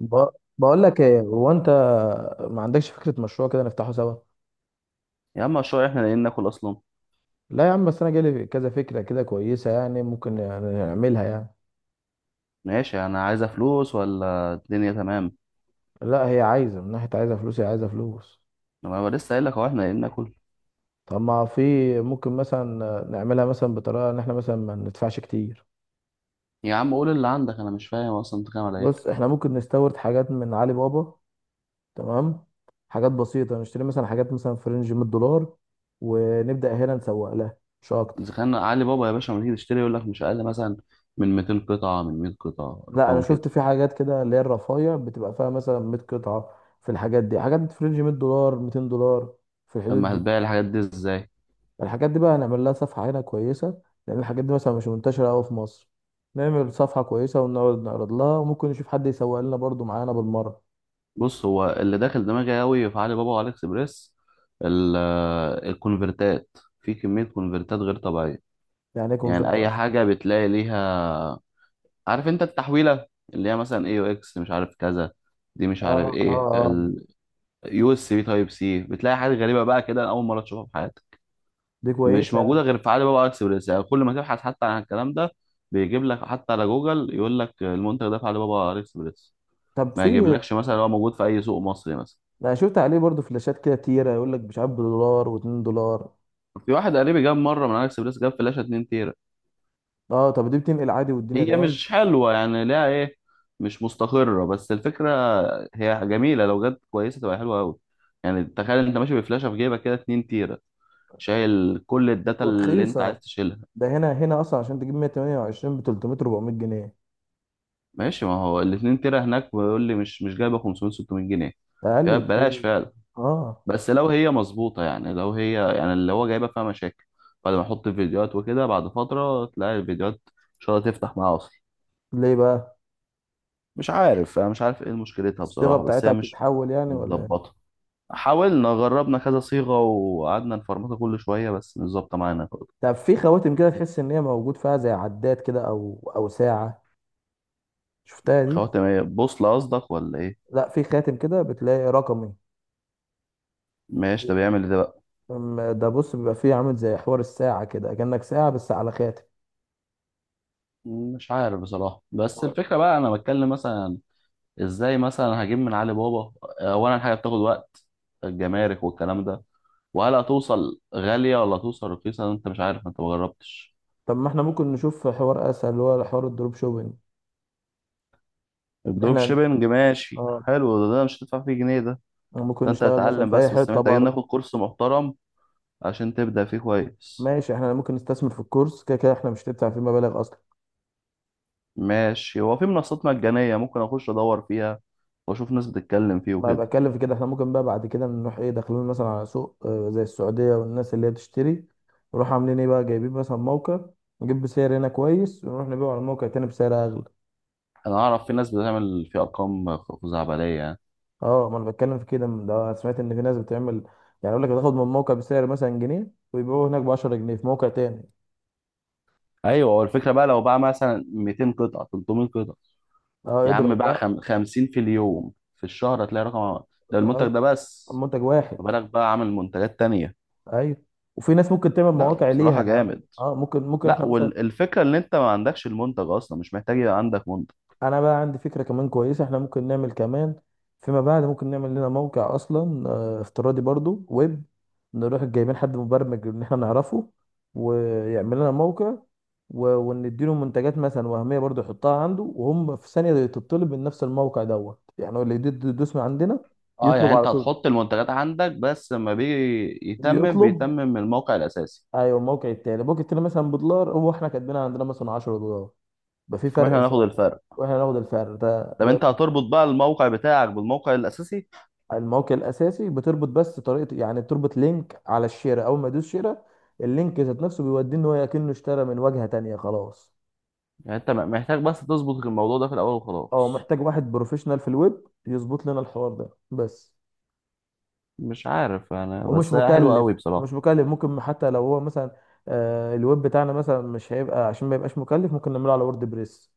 ب... بقول لك ايه، هو انت ما عندكش فكره مشروع كده نفتحه سوا؟ يا عم، مشروع؟ احنا لاقيين ناكل اصلا. لا يا عم، بس انا جالي كذا فكره كده كويسه، يعني ممكن يعني نعملها يعني. ماشي، انا عايزه فلوس ولا الدنيا تمام؟ لا هي عايزه، من ناحيه عايزه فلوس، هي عايزه فلوس. لما انا لسه قايل لك هو احنا لاقيين ناكل. طب ما في ممكن مثلا نعملها مثلا بطريقه ان احنا مثلا ما ندفعش كتير. يا عم قول اللي عندك، انا مش فاهم اصلا بتتكلم على بص ايه. احنا ممكن نستورد حاجات من علي بابا، تمام؟ حاجات بسيطه نشتري مثلا حاجات مثلا في رينج 100 دولار ونبدا هنا نسوق لها مش اكتر. اذا كان علي بابا يا باشا لما تيجي تشتري يقول لك مش اقل مثلا من 200 قطعه، من 100 قطعه، لا انا ارقام شفت كده. في حاجات كده اللي هي الرفايع بتبقى فيها مثلا 100 قطعه. في الحاجات دي حاجات في رينج 100 دولار، 200 دولار، في الحدود اما دي يعني. هتبيع الحاجات دي ازاي؟ الحاجات دي بقى هنعمل لها صفحه هنا كويسه، لان الحاجات دي مثلا مش منتشره قوي في مصر. نعمل صفحه كويسه ونقعد نعرض لها، وممكن نشوف حد يسوق لنا برضو معانا بالمره. بص، هو اللي داخل دماغي قوي في علي بابا وعلي اكسبريس ال- الكونفرتات، في كميه كونفرتات غير طبيعيه. يعني يكون في يعني اي اصلا. حاجه بتلاقي ليها، عارف انت التحويله اللي هي مثلا اي او اكس مش عارف كذا، دي مش اه عارف اه ايه. اه اليو اس بي تايب سي، بتلاقي حاجات غريبه بقى كده، أنا اول مره تشوفها في حياتك. دي مش كويسه يعني. موجوده غير في علي بابا اكسبريس، يعني كل ما تبحث حتى عن الكلام ده بيجيب لك حتى على جوجل، يقول لك المنتج ده في علي بابا اكسبريس. طب ما في يجيبلكش مثلا هو موجود في اي سوق مصري مثلا. انا شفت عليه برضو فلاشات كده تيره، يقول لك مش عارف بدولار و2 دولار. في واحد قريبي جاب مره من علي اكسبريس، جاب فلاشه 2 تيرا. اه طب دي بتنقل عادي والدنيا هي تمام، مش حلوة يعني، ليها ايه، مش مستقرة، بس الفكرة هي جميلة لو جت كويسة تبقى حلوة أوي. يعني تخيل انت ماشي بفلاشة في جيبك كده 2 تيرة، شايل كل الداتا اللي انت ورخيصه. عايز تشيلها. ده هنا، هنا اصلا عشان تجيب 128 ب 300 400 جنيه. ماشي، ما هو ال 2 تيرة هناك بيقول لي مش جايبة 500 600 جنيه. اقل يبقى ببلاش بكتير. فعلا. اه. بس لو هي مظبوطة، يعني لو هي يعني اللي هو جايبة فيها مشاكل، بعد ما احط فيديوهات وكده بعد فترة تلاقي الفيديوهات ان شاء الله تفتح معاها اصلا. ليه بقى؟ مش عارف، انا مش عارف ايه مشكلتها الصيغه بصراحة، بس بتاعتها هي مش بتتحول يعني ولا ايه؟ متظبطة. حاولنا جربنا كذا صيغة وقعدنا نفرمطه كل شوية، بس مش ظابطة معانا برضه. طب في خواتم كده تحس ان هي موجود فيها زي عداد كده او او ساعه، شفتها دي؟ خواتم ايه، بوصلة قصدك ولا ايه؟ لا في خاتم كده بتلاقي رقمي. ماشي، ده بيعمل ده بقى. ده بص بيبقى فيه عامل زي حوار الساعه كده كأنك ساعه بس على خاتم. مش عارف بصراحة، بس الفكرة بقى انا بتكلم مثلا ازاي مثلا هجيب من علي بابا. اولا حاجة بتاخد وقت، الجمارك والكلام ده، وهل هتوصل غالية ولا هتوصل رخيصة، انت مش عارف، انت مجربتش. طب ما احنا ممكن نشوف حوار اسهل اللي هو حوار الدروب شوبينج. الدروب احنا شيبنج ماشي اه حلو ده، ده مش هتدفع فيه جنيه ده. ممكن ده انت نشتغل مثلا هتتعلم، في اي بس حته محتاجين بره. ناخد كورس محترم عشان تبدأ فيه كويس. ماشي، احنا ممكن نستثمر في الكورس، كده كده احنا مش هندفع فيه مبالغ اصلا. ماشي، هو في منصات مجانية ممكن أخش أدور فيها وأشوف ناس بتتكلم فيه ما وكده. بتكلم في كده، احنا ممكن بقى بعد كده نروح ايه داخلين مثلا على سوق اه، زي السعودية والناس اللي هي بتشتري. نروح عاملين ايه بقى جايبين مثلا موقع، نجيب بسعر هنا كويس ونروح نبيعه على موقع تاني بسعر اغلى. أنا أعرف في ناس بتعمل في أرقام خزعبلية يعني. اه ما انا بتكلم في كده، من ده أنا سمعت ان في ناس بتعمل. يعني يقول لك بتاخد من موقع بسعر مثلا جنيه ويبيعوه هناك ب 10 جنيه في موقع تاني. أيوة، هو الفكرة بقى لو باع مثلا 200 قطعة 300 قطعة. اه يا عم اضرب باع بقى. 50 في اليوم، في الشهر هتلاقي رقم، ده المنتج اه، ده بس. منتج واحد. ما بالك بقى عامل منتجات تانية. ايوه، وفي ناس ممكن تعمل لا هو مواقع ليها بصراحة يعني. جامد. اه ممكن، ممكن لا، احنا مثلا. والفكرة إن أنت ما عندكش المنتج أصلا، مش محتاج يبقى عندك منتج. انا بقى عندي فكره كمان كويسه، احنا ممكن نعمل كمان فيما بعد، ممكن نعمل لنا موقع اصلا، آه، افتراضي برضو ويب. نروح جايبين حد مبرمج ان احنا نعرفه ويعمل لنا موقع، ونديله منتجات مثلا وهميه برضو يحطها عنده، وهم في ثانيه تطلب من نفس الموقع دوت، يعني هو اللي يدوس من عندنا. اه، يطلب يعني على انت طول. هتحط المنتجات عندك بس لما بيجي يتمم يطلب. بيتمم من الموقع الاساسي. ايوه الموقع التاني مثلا بدولار، هو احنا كاتبينها عندنا مثلا 10 دولار، يبقى في واحنا فرق هناخد سعر. الفرق. واحنا ناخد الفرق ده طب ده انت هتربط بقى الموقع بتاعك بالموقع الاساسي. الموقع الاساسي بتربط بس طريقه، يعني بتربط لينك على الشيره، اول ما يدوس شيره اللينك ذات نفسه بيوديه ان هو كأنه اشترى من واجهه تانية، خلاص. يعني انت محتاج بس تظبط الموضوع ده في الاول اه وخلاص. محتاج واحد بروفيشنال في الويب يظبط لنا الحوار ده بس. مش عارف انا، ومش بس هي حلوه مكلف. قوي بصراحه. ومش مكلف. ممكن حتى لو هو مثلا، آه الويب بتاعنا مثلا مش هيبقى، عشان ما يبقاش مكلف ممكن نعمله على وورد بريس.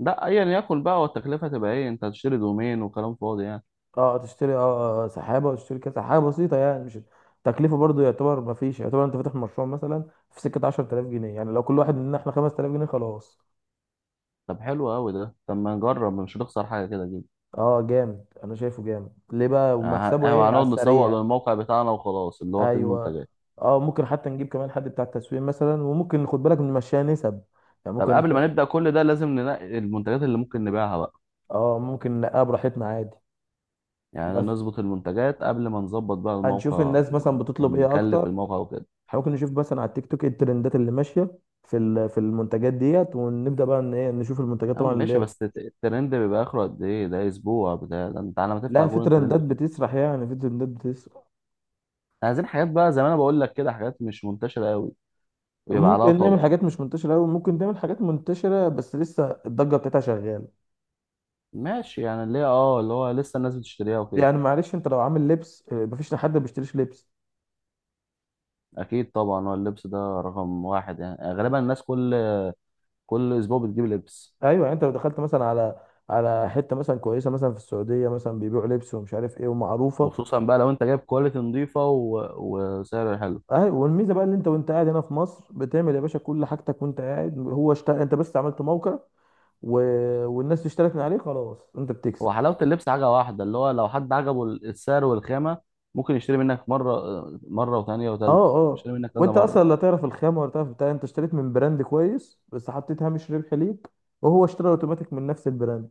لا ايا يكن بقى، والتكلفه تبقى ايه، انت هتشتري دومين وكلام فاضي يعني. اه تشتري اه آه، سحابه، وتشتري كده سحابه بسيطه يعني مش تكلفه برضو، يعتبر ما فيش، يعتبر انت فاتح مشروع مثلا في سكه 10000 جنيه. يعني لو كل واحد مننا احنا 5000 جنيه خلاص. طب حلو قوي ده، طب ما نجرب، مش هنخسر حاجه كده كده. اه جامد، انا شايفه جامد. ليه بقى اه، ومكسبه ايه على هنقعد نسوق السريع؟ للموقع بتاعنا وخلاص اللي هو فيه ايوه. المنتجات. اه ممكن حتى نجيب كمان حد بتاع التسويق مثلا، وممكن ناخد بالك نمشيها نسب. يعني طب ممكن نخ... قبل ما نبدا كل ده، لازم ننقي المنتجات اللي ممكن نبيعها بقى. اه ممكن نلاقيها براحتنا عادي. يعني بس نظبط المنتجات قبل ما نظبط بقى هنشوف الموقع الناس مثلا بتطلب ايه ونكلف اكتر. الموقع وكده. إحنا ممكن نشوف مثلا على التيك توك ايه الترندات اللي ماشيه في ال... في المنتجات ديت، ونبدا بقى ان ايه نشوف المنتجات يا عم طبعا اللي ماشي، هي. بس الترند بيبقى اخره قد ايه، ده اسبوع بتاع ده، انت على ما تفتح لا في جوجل ترندات الترند خلص. بتسرح، يعني في ترندات بتسرح. إحنا عايزين حاجات بقى، زي ما انا بقول لك كده، حاجات مش منتشره قوي ويبقى عليها ممكن نعمل طلب. حاجات مش منتشره قوي، ممكن نعمل حاجات منتشره بس لسه الضجه بتاعتها شغاله. ماشي، يعني اللي هي اه اللي هو لسه الناس بتشتريها وكده. يعني معلش انت لو عامل لبس اه، مفيش حد ما بيشتريش لبس. اكيد طبعا، هو اللبس ده رقم واحد يعني، غالبا الناس كل اسبوع بتجيب لبس. ايوه يعني انت لو دخلت مثلا على على حته مثلا كويسه مثلا في السعوديه مثلا بيبيعوا لبس ومش عارف ايه ومعروفه. وخصوصا بقى لو انت جايب كواليتي نظيفه و... وسعر حلو. ايوه والميزه بقى ان انت وانت قاعد هنا في مصر بتعمل يا باشا كل حاجتك وانت قاعد، هو اشتغل انت بس، عملت موقع و... والناس اشترت من عليه خلاص انت بتكسب. هو حلاوه اللبس حاجه واحده، اللي هو لو حد عجبه السعر والخامه ممكن يشتري منك مره وثانيه اه وثالثه، اه يشتري منك كذا وانت اصلا لا مره. تعرف الخامه ولا تعرف بتاع، انت اشتريت من براند كويس بس حطيت هامش ربح ليك، وهو اشترى اوتوماتيك من نفس البراند.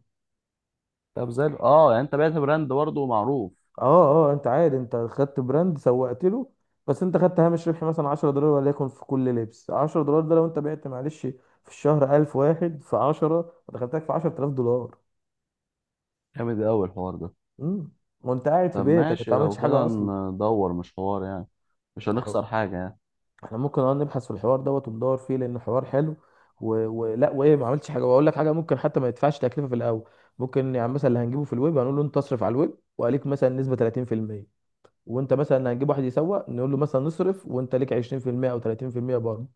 طب زي يعني انت بعت براند برضه معروف. اه. اه انت عادي انت خدت براند سوقت له، بس انت خدت هامش ربح مثلا 10 دولار، وليكن في كل لبس 10 دولار، ده لو انت بعت معلش في الشهر 1000 واحد في 10، دخلتك في 10000 دولار. جامد قوي الحوار ده. امم وانت قاعد في طب بيتك، ماشي، انت ما لو عملتش حاجه كده اصلا. ندور، مش حوار يعني، مش احنا هنخسر حاجة يعني. إحنا ممكن اه نبحث في الحوار دوت وندور فيه، لان الحوار حلو و... ولا وايه ما عملتش حاجه. واقول لك حاجه، ممكن حتى ما يدفعش تكلفه في الاول. ممكن يعني مثلا اللي هنجيبه في الويب هنقول له انت اصرف على الويب وعليك مثلا نسبه 30%. وانت مثلا هنجيب واحد يسوق نقول له مثلا نصرف وانت ليك 20% او 30% برضه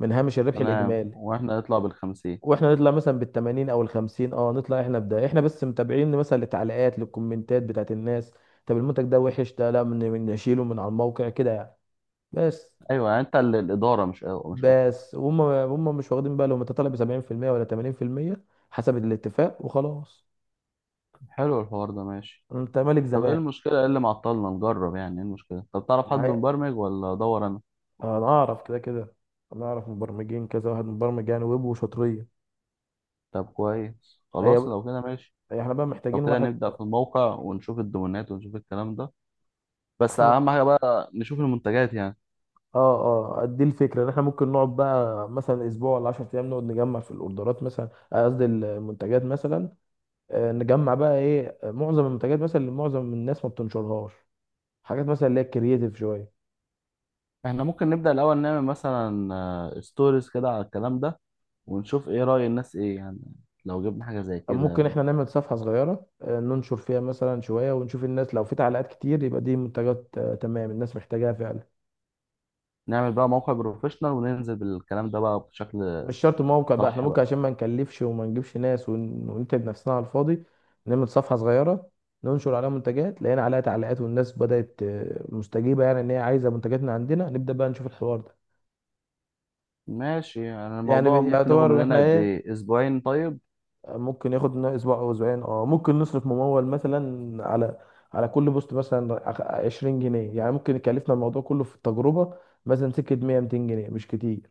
من هامش الربح تمام، الاجمالي. واحنا نطلع بالخمسين. واحنا نطلع مثلا بال 80 او ال 50، اه نطلع احنا بده احنا بس متابعين مثلا للتعليقات للكومنتات بتاعت الناس. طب المنتج ده وحش، ده لا من نشيله من على الموقع كده يعني. بس. ايوه يعني انت اللي الإدارة، مش أو مش اكتر. بس وهم مش واخدين بالهم انت طالع ب 70% ولا 80%، حسب الاتفاق وخلاص. حلو الحوار ده، ماشي. انت مالك، طب ايه زمان المشكلة، ايه اللي معطلنا نجرب يعني، ايه المشكلة، طب تعرف حد معايا. مبرمج ولا ادور انا؟ انا اعرف كده كده، انا اعرف مبرمجين كذا واحد مبرمج يعني ويب وشاطرين. طب كويس، هي خلاص لو كده ماشي. احنا بقى لو محتاجين كده واحد. نبدأ في الموقع، ونشوف الدومينات، ونشوف الكلام ده، بس احنا مح... اهم حاجة بقى نشوف المنتجات يعني. اه اه دي الفكره ان احنا ممكن نقعد بقى مثلا اسبوع ولا 10 ايام نقعد نجمع في الاوردرات مثلا آه، قصدي المنتجات مثلا آه، نجمع بقى ايه آه، معظم المنتجات مثلا اللي معظم الناس ما بتنشرهاش، حاجات مثلا اللي هي كرييتيف شويه. احنا ممكن نبدأ الأول نعمل مثلا ستوريز كده على الكلام ده، ونشوف ايه رأي الناس ايه يعني. لو جبنا حاجة زي كده ممكن احنا نعمل صفحه صغيره آه، ننشر فيها مثلا شويه ونشوف الناس، لو في تعليقات كتير يبقى دي منتجات آه، تمام، الناس محتاجاها فعلا. نعمل بقى موقع بروفيشنال وننزل بالكلام ده بقى بشكل مش شرط موقع بقى، احنا صح ممكن عشان بقى. ما نكلفش وما نجيبش ناس ونتعب نفسنا على الفاضي، نعمل صفحة صغيرة ننشر عليها منتجات. لقينا عليها تعليقات والناس بدأت آه، مستجيبة يعني ان هي عايزة منتجاتنا عندنا، نبدأ بقى نشوف الحوار ده. ماشي يعني، يعني الموضوع ممكن ياخد يعتبر مننا احنا قد ايه، ايه، اسبوعين طيب. ممكن ياخد لنا اسبوع او اسبوعين. اه ممكن نصرف ممول مثلا على على كل بوست مثلا 20 جنيه، يعني ممكن يكلفنا الموضوع كله في التجربة مثلا سكة 100 200 جنيه، مش كتير.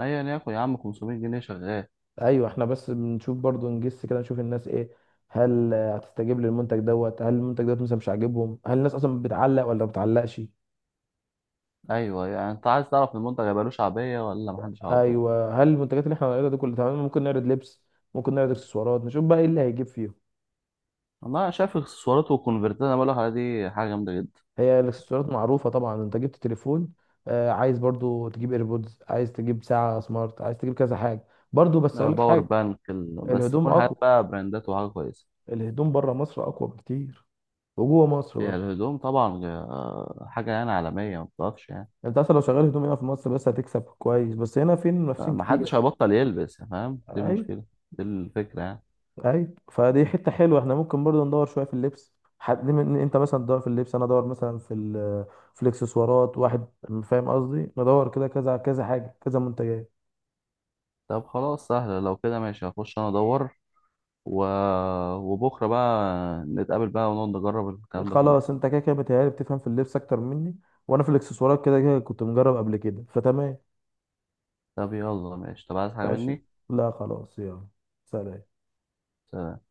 ايا ياكل يا عم، 500 جنيه شغال. ايوه، احنا بس بنشوف برضو نجس كده نشوف الناس ايه، هل آه، هتستجيب للمنتج دوت، هل المنتج دوت مثلا مش عاجبهم، هل الناس اصلا بتعلق ولا ما بتعلقش. ايوه يعني انت عايز تعرف المنتج هيبقى له شعبية ولا محدش هيعبره. ايوه، هل المنتجات اللي احنا هنعرضها دي كلها تمام؟ ممكن نعرض لبس، ممكن نعرض اكسسوارات، نشوف بقى ايه اللي هيجيب فيهم. والله انا شايف اكسسوارات والكونفرتات، انا بقول لك عليها دي حاجة جامدة جدا. هي الاكسسوارات معروفه طبعا، انت جبت تليفون آه عايز برضو تجيب ايربودز، عايز تجيب ساعه سمارت، عايز تجيب كذا حاجه برضو. بس اقول لك باور حاجه، بانك بس الهدوم تكون حاجات اقوى. بقى براندات وحاجة كويسة. الهدوم بره مصر اقوى بكتير، وجوه مصر هي برضو. الهدوم طبعا حاجة يعني عالمية ما بتقفش يعني. انت اصلا لو شغال هدوم هنا في مصر بس هتكسب كويس، بس هنا في منافسين كتير. محدش هيبطل يلبس يا فاهم، دي اي. المشكلة، دي الفكرة يعني. اي فدي حته حلوه، احنا ممكن برضه ندور شويه في اللبس، حد من انت مثلا تدور في اللبس انا ادور مثلا في ال... في الاكسسوارات واحد، فاهم قصدي؟ ندور كده كذا كذا حاجه، كذا منتجات. طب خلاص سهلة، لو كده ماشي هخش أنا أدور، و... وبكرة بقى نتقابل بقى ونقعد نجرب الكلام ده كله. خلاص انت كده كده بتهيألي بتفهم في اللبس اكتر مني، وانا في الاكسسوارات كده كده كنت مجرب قبل كده فتمام. طب يلا ماشي، طب عايز حاجة ماشي، مني؟ لا خلاص يلا، سلام. سلام.